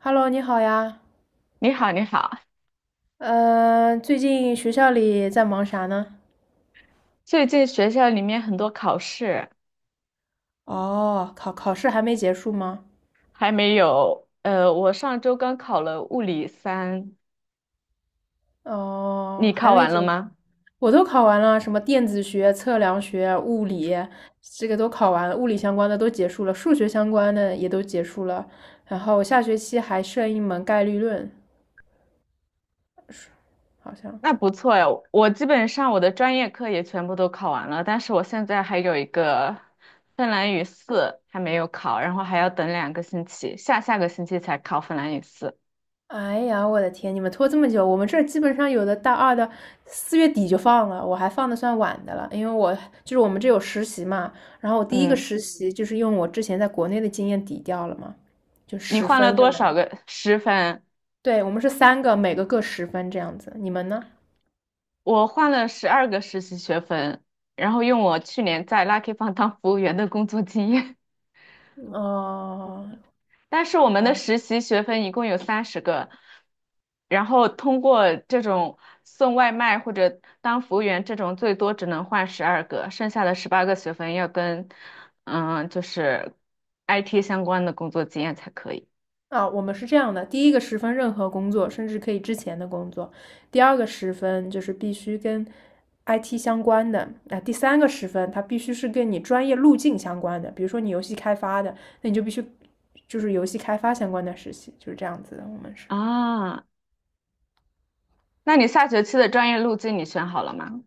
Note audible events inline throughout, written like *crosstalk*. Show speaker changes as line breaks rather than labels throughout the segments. Hello，你好呀。
你好，你好。
嗯、最近学校里在忙啥呢？
最近学校里面很多考试。
哦，考试还没结束吗？
还没有，我上周刚考了物理三。
哦，
你
还
考
没
完
结
了
束，
吗？
我都考完了，什么电子学、测量学、物理，这个都考完了，物理相关的都结束了，数学相关的也都结束了。然后下学期还剩一门概率论，好像。
那不错呀，我基本上我的专业课也全部都考完了，但是我现在还有一个芬兰语四还没有考，然后还要等两个星期，下下个星期才考芬兰语四。
哎呀，我的天！你们拖这么久，我们这儿基本上有的大二的4月底就放了，我还放的算晚的了，因为我就是我们这有实习嘛，然后我第一个
嗯，
实习就是用我之前在国内的经验抵掉了嘛，就
你
十
换了
分就
多少
能，
个十分？
对，我们是三个，每个各十分这样子，你们呢？
我换了十二个实习学分，然后用我去年在 Lucky f 当服务员的工作经验。
哦，
但是我们的实习学分一共有三十个，然后通过这种送外卖或者当服务员这种，最多只能换十二个，剩下的十八个学分要跟嗯，就是 IT 相关的工作经验才可以
啊，我们是这样的：第一个十分任何工作，甚至可以之前的工作；第二个十分就是必须跟 IT 相关的；啊，第三个十分它必须是跟你专业路径相关的，比如说你游戏开发的，那你就必须就是游戏开发相关的实习，就是这样子的。我们是，
啊。那你下学期的专业路径你选好了吗？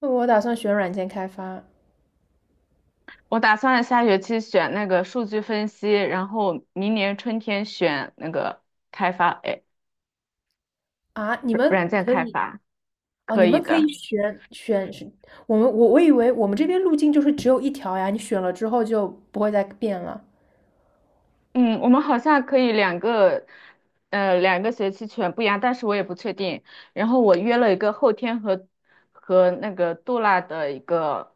那我打算选软件开发。
我打算下学期选那个数据分析，然后明年春天选那个开发，哎，
啊，你
软
们
件
可
开
以。
发，
哦，
可
你
以
们可以
的。
选我以为我们这边路径就是只有一条呀，你选了之后就不会再变了。
嗯，我们好像可以两个，两个学期全不一样，但是我也不确定。然后我约了一个后天和那个杜拉的一个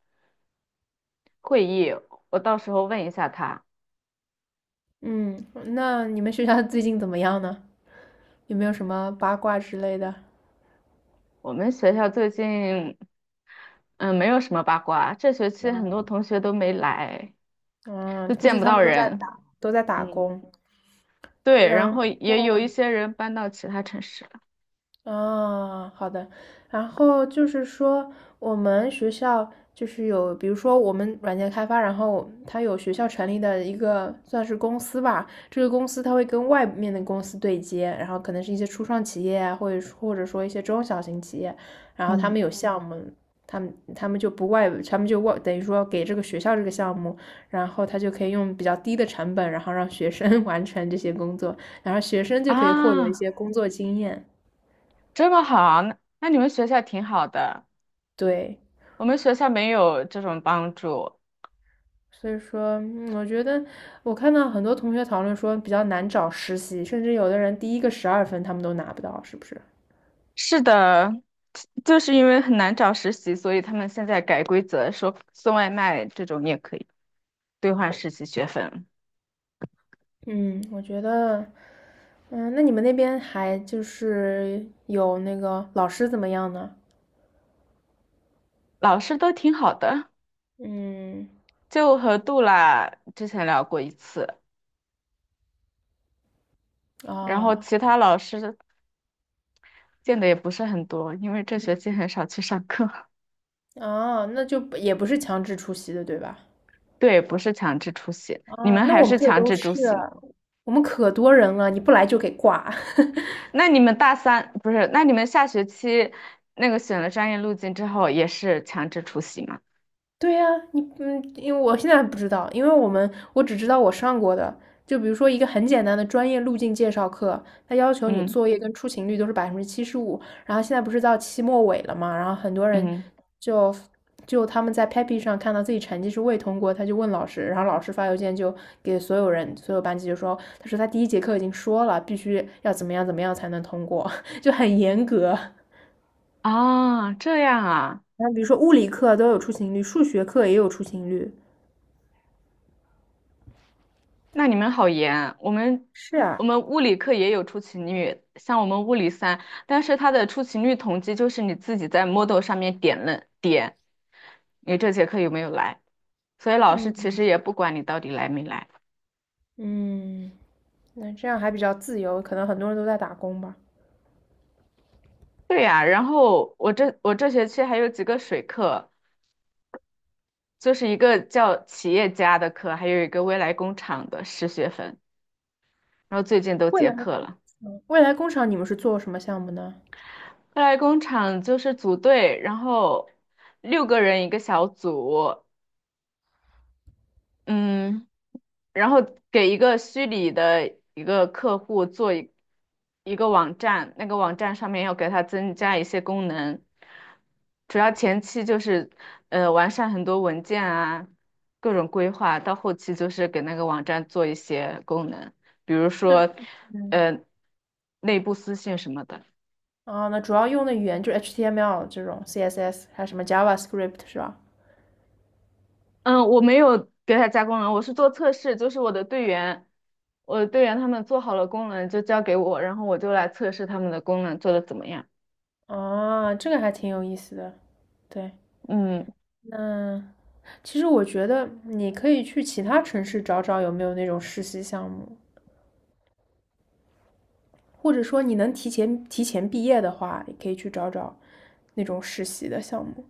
会议，我到时候问一下他。
嗯，那你们学校最近怎么样呢？有没有什么八卦之类的？
我们学校最近，嗯，没有什么八卦，这学期很多同学都没来，
嗯，
都
估
见
计
不
他
到
们
人。
都在打
嗯，
工。
对，然
然
后也有
后，
一些人搬到其他城市了。
啊，好的。然后就是说，我们学校就是有，比如说我们软件开发，然后它有学校成立的一个算是公司吧。这个公司它会跟外面的公司对接，然后可能是一些初创企业啊，或者说一些中小型企业，然后他
嗯，
们有项目，他们就不外，他们就外等于说给这个学校这个项目，然后他就可以用比较低的成本，然后让学生 *laughs* 完成这些工作，然后学生就可以获得一
啊，
些工作经验。
这么好，那你们学校挺好的。
对。
我们学校没有这种帮助。
所以说，我觉得我看到很多同学讨论说比较难找实习，甚至有的人第一个12分他们都拿不到，是不是？
是的，就是因为很难找实习，所以他们现在改规则，说送外卖这种也可以兑换实习学分。
嗯，我觉得，那你们那边还就是有那个老师怎么样呢？
老师都挺好的，
嗯，
就和杜拉之前聊过一次，然后
啊
其他老师见的也不是很多，因为这学期很少去上课。*laughs*
那就不也不是强制出席的，对吧？
对，不是强制出席，你
啊，
们
那
还
我们
是
这儿
强
都
制出
是，
席吗？
我们可多人了，你不来就给挂。*laughs*
那你们大三，不是，那你们下学期那个选了专业路径之后也是强制出席吗？
对呀，因为我现在还不知道，因为我只知道我上过的，就比如说一个很简单的专业路径介绍课，它要求你
嗯
作业跟出勤率都是75%，然后现在不是到期末尾了嘛，然后很多人
嗯
就就他们在 Pepi 上看到自己成绩是未通过，他就问老师，然后老师发邮件就给所有人所有班级就说，他说他第一节课已经说了，必须要怎么样怎么样才能通过，*laughs* 就很严格。*laughs*
啊，这样啊，
然后比如说物理课都有出勤率，数学课也有出勤率。
那你们好严。我们
是
我
啊，
们物理课也有出勤率，像我们物理三，但是它的出勤率统计就是你自己在 Moodle 上面点了点，你这节课有没有来？所以老师其
嗯
实也不管你到底来没来。
嗯，那这样还比较自由，可能很多人都在打工吧。
对呀，然后我这学期还有几个水课，就是一个叫企业家的课，还有一个未来工厂的十学分，然后最近都
未
结
来工
课了。
厂，未来工厂你们是做什么项目呢？
快来工厂就是组队，然后六个人一个小组，嗯，然后给一个虚拟的一个客户做一个网站，那个网站上面要给它增加一些功能，主要前期就是完善很多文件啊，各种规划，到后期就是给那个网站做一些功能，比如
那
说呃内部私信什么的。
那主要用的语言就是 HTML 这种 CSS，还有什么 JavaScript 是吧？
嗯，我没有给他加功能，我是做测试，就是我的队员，我的队员他们做好了功能就交给我，然后我就来测试他们的功能做的怎么样。
啊，这个还挺有意思的。对，
嗯，
那其实我觉得你可以去其他城市找找有没有那种实习项目，或者说你能提前毕业的话，也可以去找找那种实习的项目。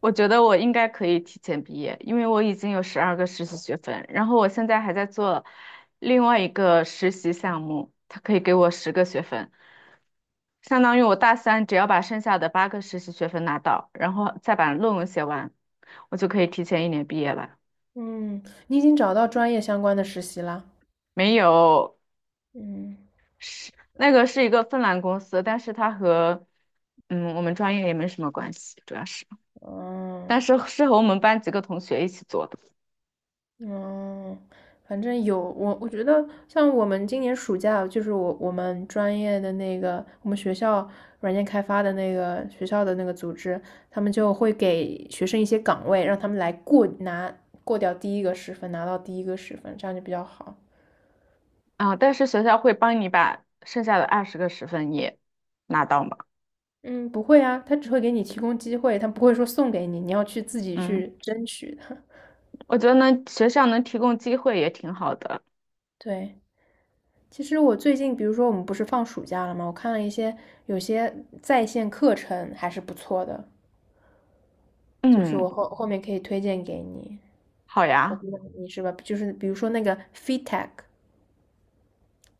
我觉得我应该可以提前毕业，因为我已经有十二个实习学分，然后我现在还在做另外一个实习项目，他可以给我十个学分，相当于我大三只要把剩下的八个实习学分拿到，然后再把论文写完，我就可以提前一年毕业了。
嗯，你已经找到专业相关的实习啦？
没有，
嗯。
是那个是一个芬兰公司，但是它和嗯我们专业也没什么关系，主要是，
嗯
但是是和我们班几个同学一起做的。
嗯，反正有我，我觉得像我们今年暑假，就是我们专业的那个，我们学校软件开发的那个学校的那个组织，他们就会给学生一些岗位，让他们来过拿过掉第一个十分，拿到第一个十分，这样就比较好。
啊，但是学校会帮你把剩下的二十个十分也拿到嘛，
嗯，不会啊，他只会给你提供机会，他不会说送给你，你要去自己去
嗯，
争取的。
我觉得呢学校能提供机会也挺好的。
*laughs* 对。其实我最近，比如说我们不是放暑假了吗？我看了有些在线课程还是不错的，就是
嗯，
我后面可以推荐给你。
好
我
呀，
估知道你是吧？就是比如说那个 FeedTech，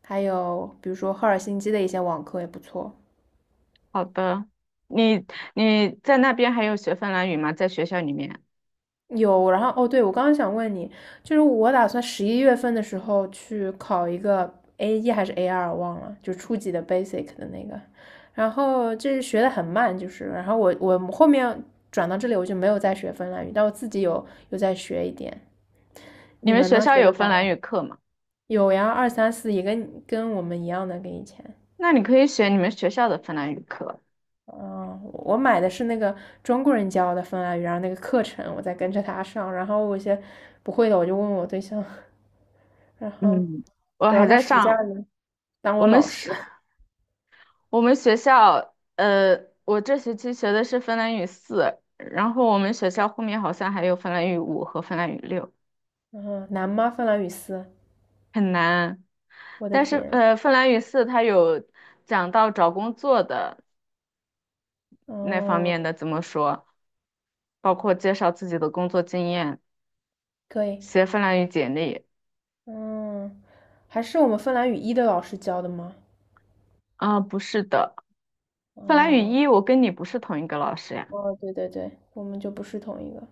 还有比如说赫尔辛基的一些网课也不错。
好的，你你在那边还有学芬兰语吗？在学校里面，
有，然后哦，对，我刚刚想问你，就是我打算十一月份的时候去考一个 A1还是 A2，忘了，就初级的 basic 的那个。然后这学的很慢，就是，然后我后面转到这里，我就没有再学芬兰语，但我自己有在学一点。
你
你
们
们
学
呢？
校
学
有
的
芬
咋
兰
样？
语课吗？
有呀，二三四也跟我们一样的，跟以前。
那你可以选你们学校的芬兰语课，
嗯，我买的是那个中国人教的芬兰语，然后那个课程我在跟着他上，然后我一些不会的我就问我对象，*laughs* 然后
嗯。我
我
还
让他
在
暑假
上，
里当
我
我
们
老
学
师。*laughs*
我们学校，我这学期学的是芬兰语四，然后我们学校后面好像还有芬兰语五和芬兰语六。
嗯，难吗？芬兰语四，
很难。
我的
但是
天，
芬兰语四它有讲到找工作的那方面
嗯，
的怎么说，包括介绍自己的工作经验，
可以，
写芬兰语简历。
嗯，还是我们芬兰语一的老师教的吗？
啊、不是的，芬兰语
嗯，
一我跟你不是同一个老师呀。
哦，对对对，我们就不是同一个。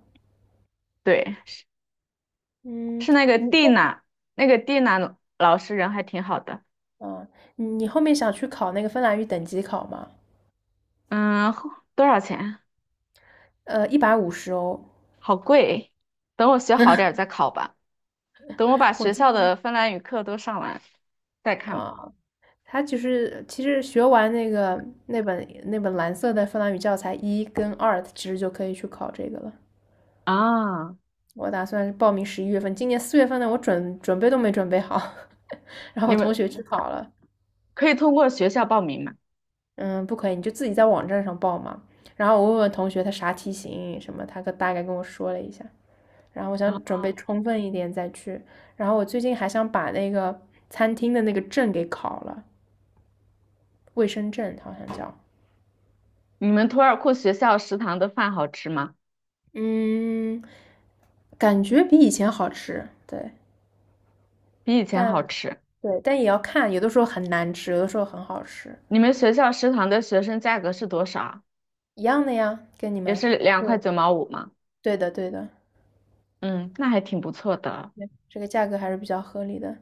对，
嗯，
是那个
你
蒂
后，
娜，那个蒂娜老师人还挺好的。
嗯，你后面想去考那个芬兰语等级考吗？
嗯，后多少钱啊？
150欧。
好贵。等我学好点儿再考吧，等我把
我
学
记
校
得
的芬兰语课都上完再看吧。
啊，他其实学完那个那本蓝色的芬兰语教材一跟二，其实就可以去考这个了。
啊，
我打算报名十一月份，今年4月份呢，我准备都没准备好，*laughs* 然后
你
我同
们
学去考了，
可以通过学校报名吗？
嗯，不可以，你就自己在网站上报嘛。然后我问问同学他啥题型什么，大概跟我说了一下，然后我
啊，
想准备充分一点再去。然后我最近还想把那个餐厅的那个证给考了，卫生证好像叫。
你们图尔库学校食堂的饭好吃吗？
嗯，感觉比以前好吃，对，
比以前好
但
吃。
对，但也要看，有的时候很难吃，有的时候很好吃，
你们学校食堂的学生价格是多少啊？
一样的呀，跟你
也
们
是
还
两
是
块九毛五吗？
对的，对的，
嗯，那还挺不错的。
对这个价格还是比较合理的。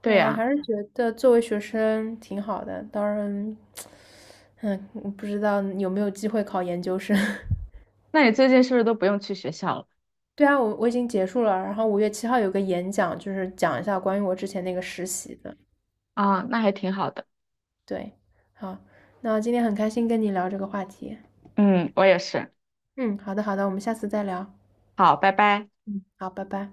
对
我
呀，
还是觉得作为学生挺好的，当然，嗯不知道有没有机会考研究生。*laughs*
那你最近是不是都不用去学校了？
对啊，我已经结束了，然后5月7号有个演讲，就是讲一下关于我之前那个实习的。
啊，那还挺好的。
对，好，那今天很开心跟你聊这个话题。
嗯，我也是。
嗯，好的好的，我们下次再聊。
好，拜拜。
嗯，好，拜拜。